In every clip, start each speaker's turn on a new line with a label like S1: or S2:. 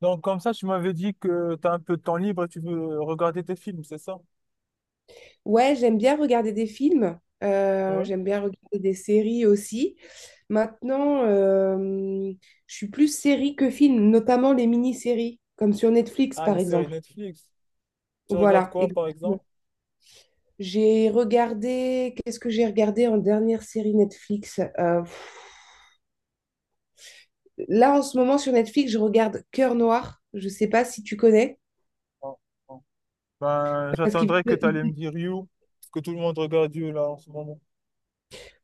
S1: Donc, comme ça, tu m'avais dit que tu as un peu de temps libre et tu veux regarder tes films, c'est ça?
S2: Ouais, j'aime bien regarder des films,
S1: Ouais.
S2: j'aime bien regarder des séries aussi. Maintenant, je suis plus série que film, notamment les mini-séries, comme sur Netflix
S1: Ah, les
S2: par
S1: séries
S2: exemple.
S1: Netflix. Tu regardes
S2: Voilà,
S1: quoi, par
S2: exactement.
S1: exemple?
S2: J'ai regardé, qu'est-ce que j'ai regardé en dernière série Netflix? Là, en ce moment, sur Netflix, je regarde Cœur Noir. Je ne sais pas si tu connais.
S1: Ah, ah. Ben,
S2: Parce qu'il
S1: j'attendrai que tu allais me dire You, parce que tout le monde regarde You, là, en ce moment.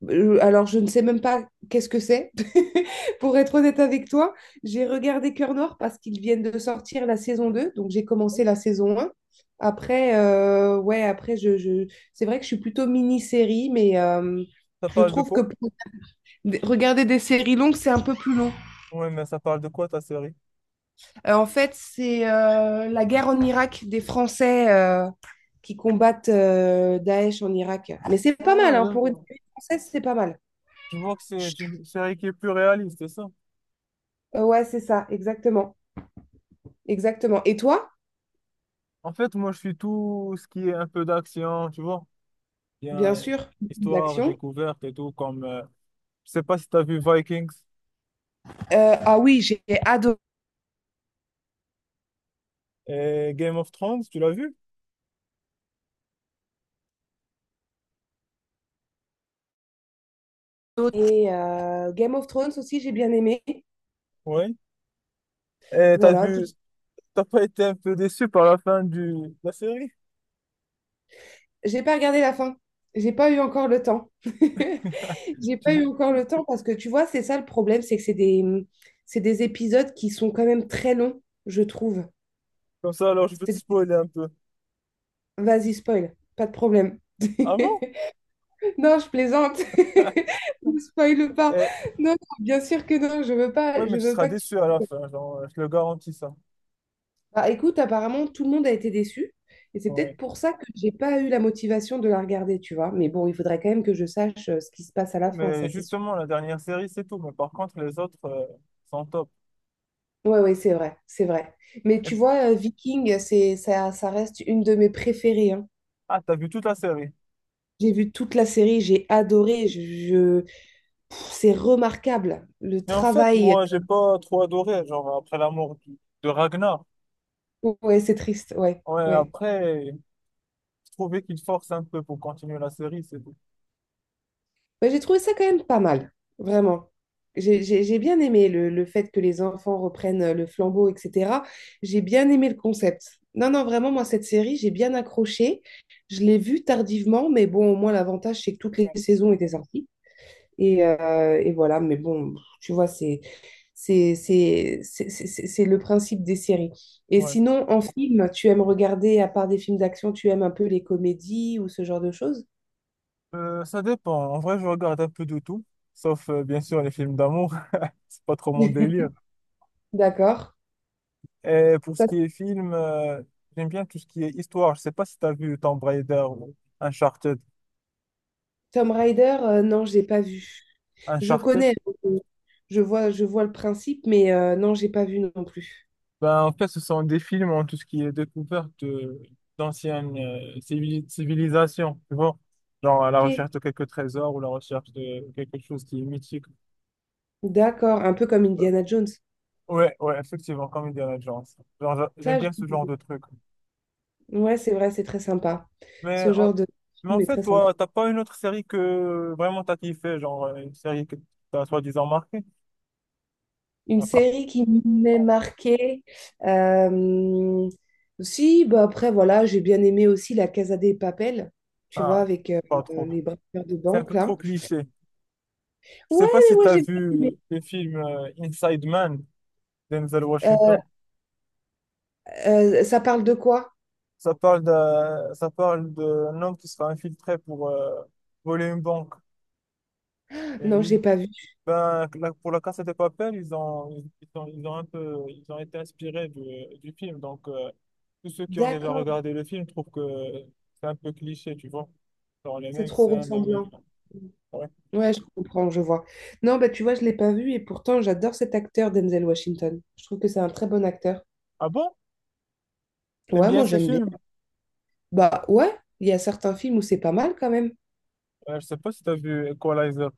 S2: Alors, je ne sais même pas qu'est-ce que c'est. Pour être honnête avec toi, j'ai regardé Cœur Noir parce qu'ils viennent de sortir la saison 2, donc, j'ai commencé la saison un. Après, ouais, après, c'est vrai que je suis plutôt mini-série, mais
S1: Ça
S2: je
S1: parle de
S2: trouve que
S1: quoi?
S2: regarder des séries longues, c'est un peu plus long.
S1: Ouais, mais ça parle de quoi, ta série?
S2: En fait, c'est la guerre en Irak des Français qui combattent Daesh en Irak. Mais c'est pas
S1: Ah,
S2: mal, hein, pour une
S1: d'accord.
S2: série française, c'est pas mal.
S1: Je vois que c'est une série qui est plus réaliste, c'est ça?
S2: Ouais, c'est ça, exactement. Exactement. Et toi,
S1: En fait, moi, je suis tout ce qui est un peu d'action, tu vois? Bien,
S2: bien sûr,
S1: histoire,
S2: l'action.
S1: découverte et tout, comme... je sais pas si tu as vu Vikings
S2: Ah oui, j'ai adoré.
S1: et Game of Thrones, tu l'as vu?
S2: Et Game of Thrones aussi, j'ai bien aimé.
S1: Ouais. Et t'as
S2: Voilà, tout.
S1: vu, t'as pas été un peu déçu par la fin du, de la série?
S2: J'ai pas regardé la fin. J'ai pas eu encore le temps. J'ai
S1: Tu
S2: pas eu
S1: veux-
S2: encore le temps parce que tu vois, c'est ça le problème, c'est que c'est des épisodes qui sont quand même très longs, je trouve.
S1: comme ça, alors je peux te
S2: C'est-
S1: spoiler un peu.
S2: Vas-y, spoil, pas de problème.
S1: Ah bon?
S2: Non, je plaisante. Ne spoil pas.
S1: Eh,
S2: Non, non, bien sûr que non, je veux
S1: ouais,
S2: pas, je
S1: mais tu
S2: veux
S1: seras
S2: pas que tu.
S1: déçu à la fin, genre, je le garantis ça.
S2: Bah, écoute, apparemment, tout le monde a été déçu. Et c'est
S1: Ouais.
S2: peut-être pour ça que j'ai pas eu la motivation de la regarder, tu vois. Mais bon, il faudrait quand même que je sache ce qui se passe à la fin,
S1: Mais
S2: ça c'est sûr.
S1: justement, la dernière série, c'est tout. Mais par contre, les autres sont top.
S2: Ouais, ouais, c'est vrai, c'est vrai. Mais
S1: Et-
S2: tu vois, Viking, ça, ça reste une de mes préférées, hein.
S1: ah, t'as vu toute la série.
S2: J'ai vu toute la série, j'ai adoré. C'est remarquable. Le
S1: Mais en fait,
S2: travail.
S1: moi, j'ai pas trop adoré, genre, après la mort de Ragnar.
S2: Ouais, c'est triste. Ouais,
S1: Ouais,
S2: ouais.
S1: après. Je trouvais qu'il force un peu pour continuer la série, c'est tout.
S2: Ouais, j'ai trouvé ça quand même pas mal, vraiment. J'ai bien aimé le fait que les enfants reprennent le flambeau, etc. J'ai bien aimé le concept. Non, non, vraiment, moi, cette série, j'ai bien accroché. Je l'ai vue tardivement, mais bon, au moins, l'avantage, c'est que toutes les saisons étaient sorties. Et voilà, mais bon, tu vois, c'est le principe des séries. Et
S1: Ouais.
S2: sinon, en film, tu aimes regarder, à part des films d'action, tu aimes un peu les comédies ou ce genre de choses?
S1: Ça dépend. En vrai, je regarde un peu de tout, sauf bien sûr les films d'amour. C'est pas trop mon délire.
S2: D'accord.
S1: Et pour ce qui est film, j'aime bien tout ce qui est histoire. Je sais pas si tu as vu Tomb Raider ou Uncharted.
S2: Tomb Raider, non, j'ai pas vu. Je
S1: Uncharted,
S2: connais, euh, je vois le principe, mais non, j'ai pas vu non plus.
S1: ben, en fait, ce sont des films en tout ce qui est découverte d'anciennes civilisations, tu vois. Genre à la
S2: Ok,
S1: recherche de quelques trésors ou la recherche de quelque chose qui est mythique.
S2: d'accord, un peu comme
S1: Ben,
S2: Indiana Jones.
S1: ouais, ouais, effectivement, comme Indiana Jones. Genre, j'aime
S2: Ça, je-
S1: bien ce genre de truc.
S2: ouais, c'est vrai, c'est très sympa.
S1: Mais
S2: Ce
S1: en,
S2: genre de
S1: mais en
S2: film est
S1: fait,
S2: très sympa.
S1: toi, t'as pas une autre série que vraiment t'as kiffé, genre une série que t'as soi-disant marquée?
S2: Une
S1: À part...
S2: série qui m'est marquée. euh, Si, bah après, voilà, j'ai bien aimé aussi La Casa des Papel, tu vois,
S1: Ah,
S2: avec
S1: pas trop.
S2: les braqueurs de
S1: C'est un
S2: banque,
S1: peu
S2: là.
S1: trop cliché. Je
S2: Ouais,
S1: sais pas
S2: mais
S1: si
S2: moi,
S1: t'as
S2: j'ai bien aimé.
S1: vu le film Inside Man, Denzel
S2: Euh,
S1: Washington.
S2: ça parle de quoi?
S1: Ça parle d'un homme qui sera infiltré pour voler une banque. Et
S2: Non, j'ai
S1: lui,
S2: pas vu.
S1: ben, pour la Casa de Papel, ils ont un peu, ils ont été inspirés du film. Donc, tous ceux qui ont déjà
S2: D'accord.
S1: regardé le film trouvent que c'est un peu cliché, tu vois. Dans les
S2: C'est
S1: mêmes
S2: trop
S1: scènes, les mêmes.
S2: ressemblant.
S1: Ouais.
S2: Ouais, je comprends, je vois. Non, bah tu vois, je l'ai pas vu et pourtant j'adore cet acteur Denzel Washington. Je trouve que c'est un très bon acteur.
S1: Ah bon? T'aimes
S2: Ouais,
S1: bien
S2: moi
S1: ces
S2: j'aime bien.
S1: films?
S2: Bah ouais, il y a certains films où c'est pas mal quand même.
S1: Je sais pas si t'as vu Equalizer,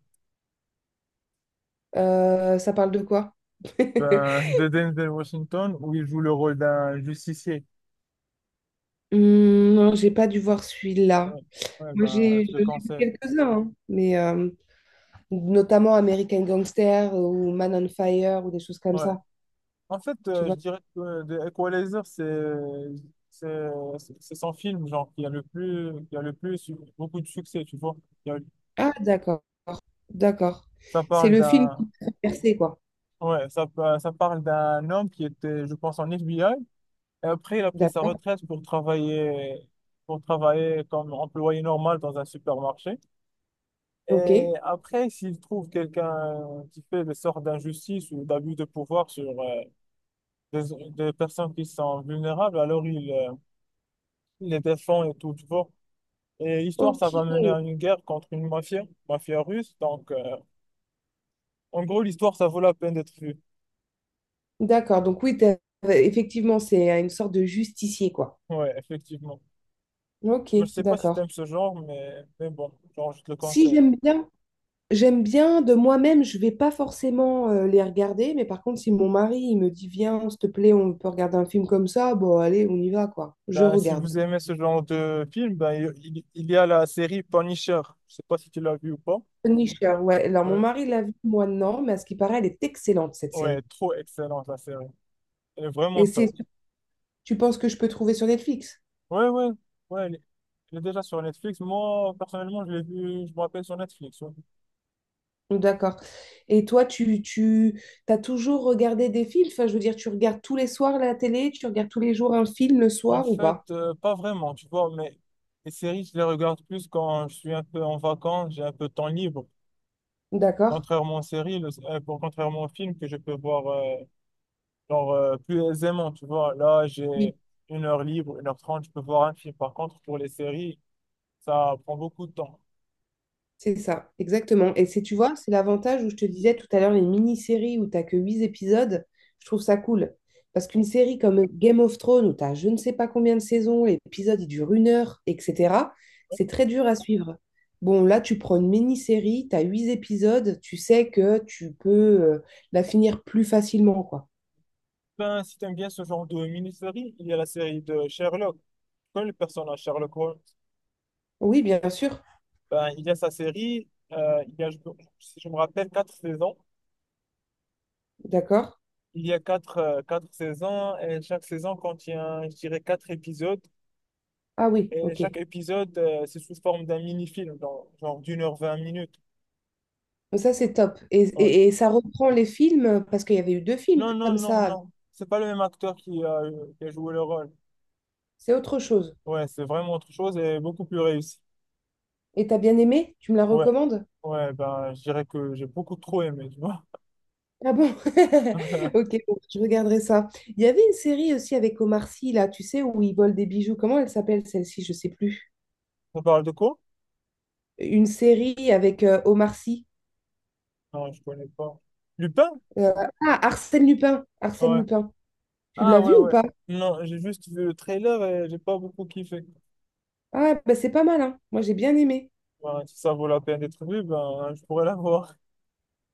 S2: Ça parle de quoi?
S1: ben, de Denzel Washington, où il joue le rôle d'un justicier.
S2: Hmm, non, j'ai pas dû voir celui-là.
S1: Ouais, ouais,
S2: Moi
S1: ben, je le
S2: j'en ai vu
S1: conseille.
S2: quelques-uns, hein, mais notamment American Gangster ou Man on Fire ou des choses comme
S1: Ouais.
S2: ça.
S1: En fait,
S2: Tu
S1: je
S2: vois?
S1: dirais que The Equalizer, c'est c'est son film genre qui a le plus eu beaucoup de succès, tu vois. Il y a-
S2: Ah d'accord, d'accord.
S1: Ça
S2: C'est
S1: parle
S2: le film
S1: d'un
S2: qui perçait quoi.
S1: ouais, ça parle d'un homme qui était, je pense, en FBI. Et après, il a pris sa
S2: D'accord,
S1: retraite pour travailler comme employé normal dans un supermarché.
S2: ok.
S1: Et après, s'il trouve quelqu'un qui fait des sortes d'injustice ou d'abus de pouvoir sur des personnes qui sont vulnérables, alors ils les défendent et tout, tu vois. Et l'histoire,
S2: Ok,
S1: ça va mener à une guerre contre une mafia, mafia russe. Donc, en gros, l'histoire, ça vaut la peine d'être vue.
S2: d'accord. Donc oui, effectivement, c'est une sorte de justicier, quoi.
S1: Ouais, effectivement.
S2: Ok,
S1: Je sais pas si t'aimes
S2: d'accord.
S1: ce genre, mais bon, genre, je te le
S2: Si
S1: conseille.
S2: j'aime bien, j'aime bien de moi-même, je vais pas forcément les regarder, mais par contre, si mon mari il me dit, viens, s'il te plaît, on peut regarder un film comme ça, bon, allez, on y va, quoi. Je
S1: Ben, si
S2: regarde.
S1: vous aimez ce genre de film, ben, il y a la série Punisher. Je sais pas si tu l'as vu ou pas.
S2: Punisher, ouais. Alors mon
S1: Ouais,
S2: mari l'a vu, moi non, mais à ce qui paraît, elle est excellente, cette
S1: ouais,
S2: série.
S1: trop excellente la série. Elle est
S2: Et
S1: vraiment
S2: c'est,
S1: top.
S2: tu penses que je peux trouver sur Netflix?
S1: Ouais, ouais, ouais, elle est déjà sur Netflix. Moi, personnellement, je l'ai vu, je me rappelle sur Netflix. Ouais.
S2: D'accord. Et toi, tu as toujours regardé des films? Enfin, je veux dire, tu regardes tous les soirs la télé, tu regardes tous les jours un film le
S1: En
S2: soir ou
S1: fait,
S2: pas?
S1: pas vraiment, tu vois, mais les séries, je les regarde plus quand je suis un peu en vacances, j'ai un peu de temps libre.
S2: D'accord.
S1: Contrairement aux séries, contrairement aux films que je peux voir genre, plus aisément, tu vois. Là, j'ai une heure libre, 1h30, je peux voir un film. Par contre, pour les séries, ça prend beaucoup de temps.
S2: C'est ça, exactement. Et tu vois, c'est l'avantage où je te disais tout à l'heure, les mini-séries où t'as que 8 épisodes, je trouve ça cool. Parce qu'une série comme Game of Thrones, où t'as je ne sais pas combien de saisons, l'épisode il dure une heure, etc., c'est très dur à suivre. Bon, là, tu prends une mini-série, t'as 8 épisodes, tu sais que tu peux euh, la finir plus facilement, quoi.
S1: Ben, si t'aimes bien ce genre de mini-série, il y a la série de Sherlock. Tu connais le personnage Sherlock Holmes?
S2: Oui, bien sûr,
S1: Ben, il y a sa série, il y a, je- si je me rappelle, quatre saisons.
S2: d'accord.
S1: Il y a quatre, quatre saisons et chaque saison contient, je dirais, quatre épisodes.
S2: Ah oui,
S1: Et
S2: ok.
S1: chaque épisode, c'est sous forme d'un mini-film, genre d'1h20.
S2: Ça, c'est top. Et,
S1: Ouais.
S2: et et ça reprend les films, parce qu'il y avait eu deux films
S1: Non, non,
S2: comme
S1: non,
S2: ça.
S1: non. C'est pas le même acteur qui a joué le rôle.
S2: C'est autre chose.
S1: Ouais, c'est vraiment autre chose et beaucoup plus réussi.
S2: Et t'as bien aimé? Tu me la
S1: Ouais,
S2: recommandes?
S1: ouais, ben, je dirais que j'ai beaucoup trop aimé, tu vois.
S2: Ah bon? Ok, bon, je regarderai ça. Il y avait une série aussi avec Omar Sy, là, tu sais, où il vole des bijoux. Comment elle s'appelle celle-ci? Je sais plus.
S1: On parle de quoi?
S2: Une série avec Omar Sy.
S1: Non, je connais pas. Lupin?
S2: Euh, Arsène Lupin. Arsène
S1: Ouais.
S2: Lupin. Tu l'as
S1: Ah, ouais,
S2: vu ou
S1: ouais.
S2: pas?
S1: Non, j'ai juste vu le trailer et j'ai pas beaucoup kiffé.
S2: Ah, bah c'est pas mal, hein. Moi, j'ai bien aimé.
S1: Ben, si ça vaut la peine d'être vu, ben, je pourrais la voir.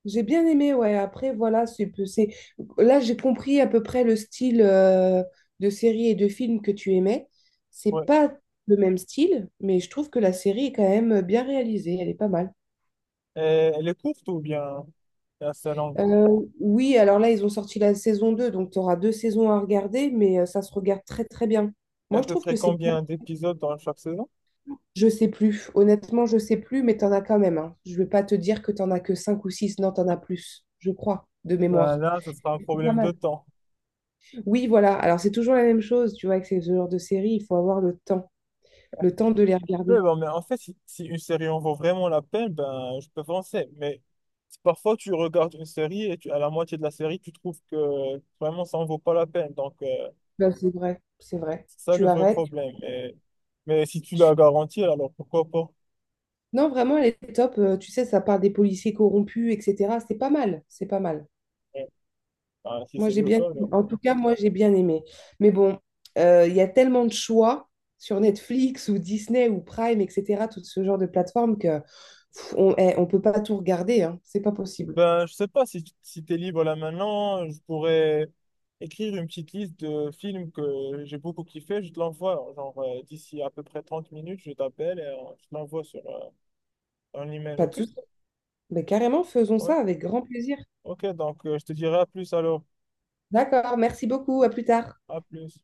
S2: J'ai bien aimé, ouais. Après, voilà. Là, j'ai compris à peu près le style de série et de film que tu aimais. C'est
S1: Ouais.
S2: pas le même style, mais je trouve que la série est quand même bien réalisée. Elle est pas mal.
S1: Et elle est courte ou bien c'est assez longue?
S2: Euh, oui, alors là, ils ont sorti la saison 2, donc tu auras deux saisons à regarder, mais ça se regarde très, très bien.
S1: Et
S2: Moi,
S1: à
S2: je
S1: peu
S2: trouve
S1: près
S2: que c'est bien.
S1: combien d'épisodes dans chaque saison?
S2: Je sais plus. Honnêtement, je sais plus, mais t'en as quand même, hein. Je vais pas te dire que t'en as que 5 ou 6. Non, t'en as plus, je crois, de
S1: Ben
S2: mémoire.
S1: là, ça sera un
S2: C'est pas
S1: problème de
S2: mal.
S1: temps.
S2: Oui, voilà. Alors, c'est toujours la même chose, tu vois, avec ce genre de série, il faut avoir le temps de les
S1: Ouais,
S2: regarder.
S1: bah, mais en fait, si, si une série en vaut vraiment la peine, ben, je peux penser. Mais si parfois, tu regardes une série et tu, à la moitié de la série, tu trouves que vraiment, ça en vaut pas la peine. Donc,
S2: Ben, c'est vrai, c'est vrai.
S1: c'est ça le
S2: Tu
S1: vrai
S2: arrêtes.
S1: problème. Mais si tu
S2: tu-
S1: l'as garanti, alors pourquoi pas?
S2: Non, vraiment, elle est top. Tu sais, ça part des policiers corrompus, etc. C'est pas mal, c'est pas mal.
S1: Ouais. Ben, si
S2: Moi,
S1: c'est
S2: j'ai
S1: le
S2: bien,
S1: cas, alors.
S2: en tout cas, moi, j'ai bien aimé. Mais bon, il y a tellement de choix sur Netflix ou Disney ou Prime, etc., tout ce genre de plateforme que on peut pas tout regarder, hein. C'est pas possible.
S1: Ben, je sais pas si, si tu es libre là maintenant, je pourrais écrire une petite liste de films que j'ai beaucoup kiffé. Je te l'envoie, genre, d'ici à peu près 30 minutes, je t'appelle et je te l'envoie sur un email,
S2: Pas de
S1: ok?
S2: souci. Mais carrément, faisons
S1: Ouais.
S2: ça avec grand plaisir.
S1: Ok, donc je te dirai à plus alors.
S2: D'accord, merci beaucoup. À plus tard.
S1: À plus.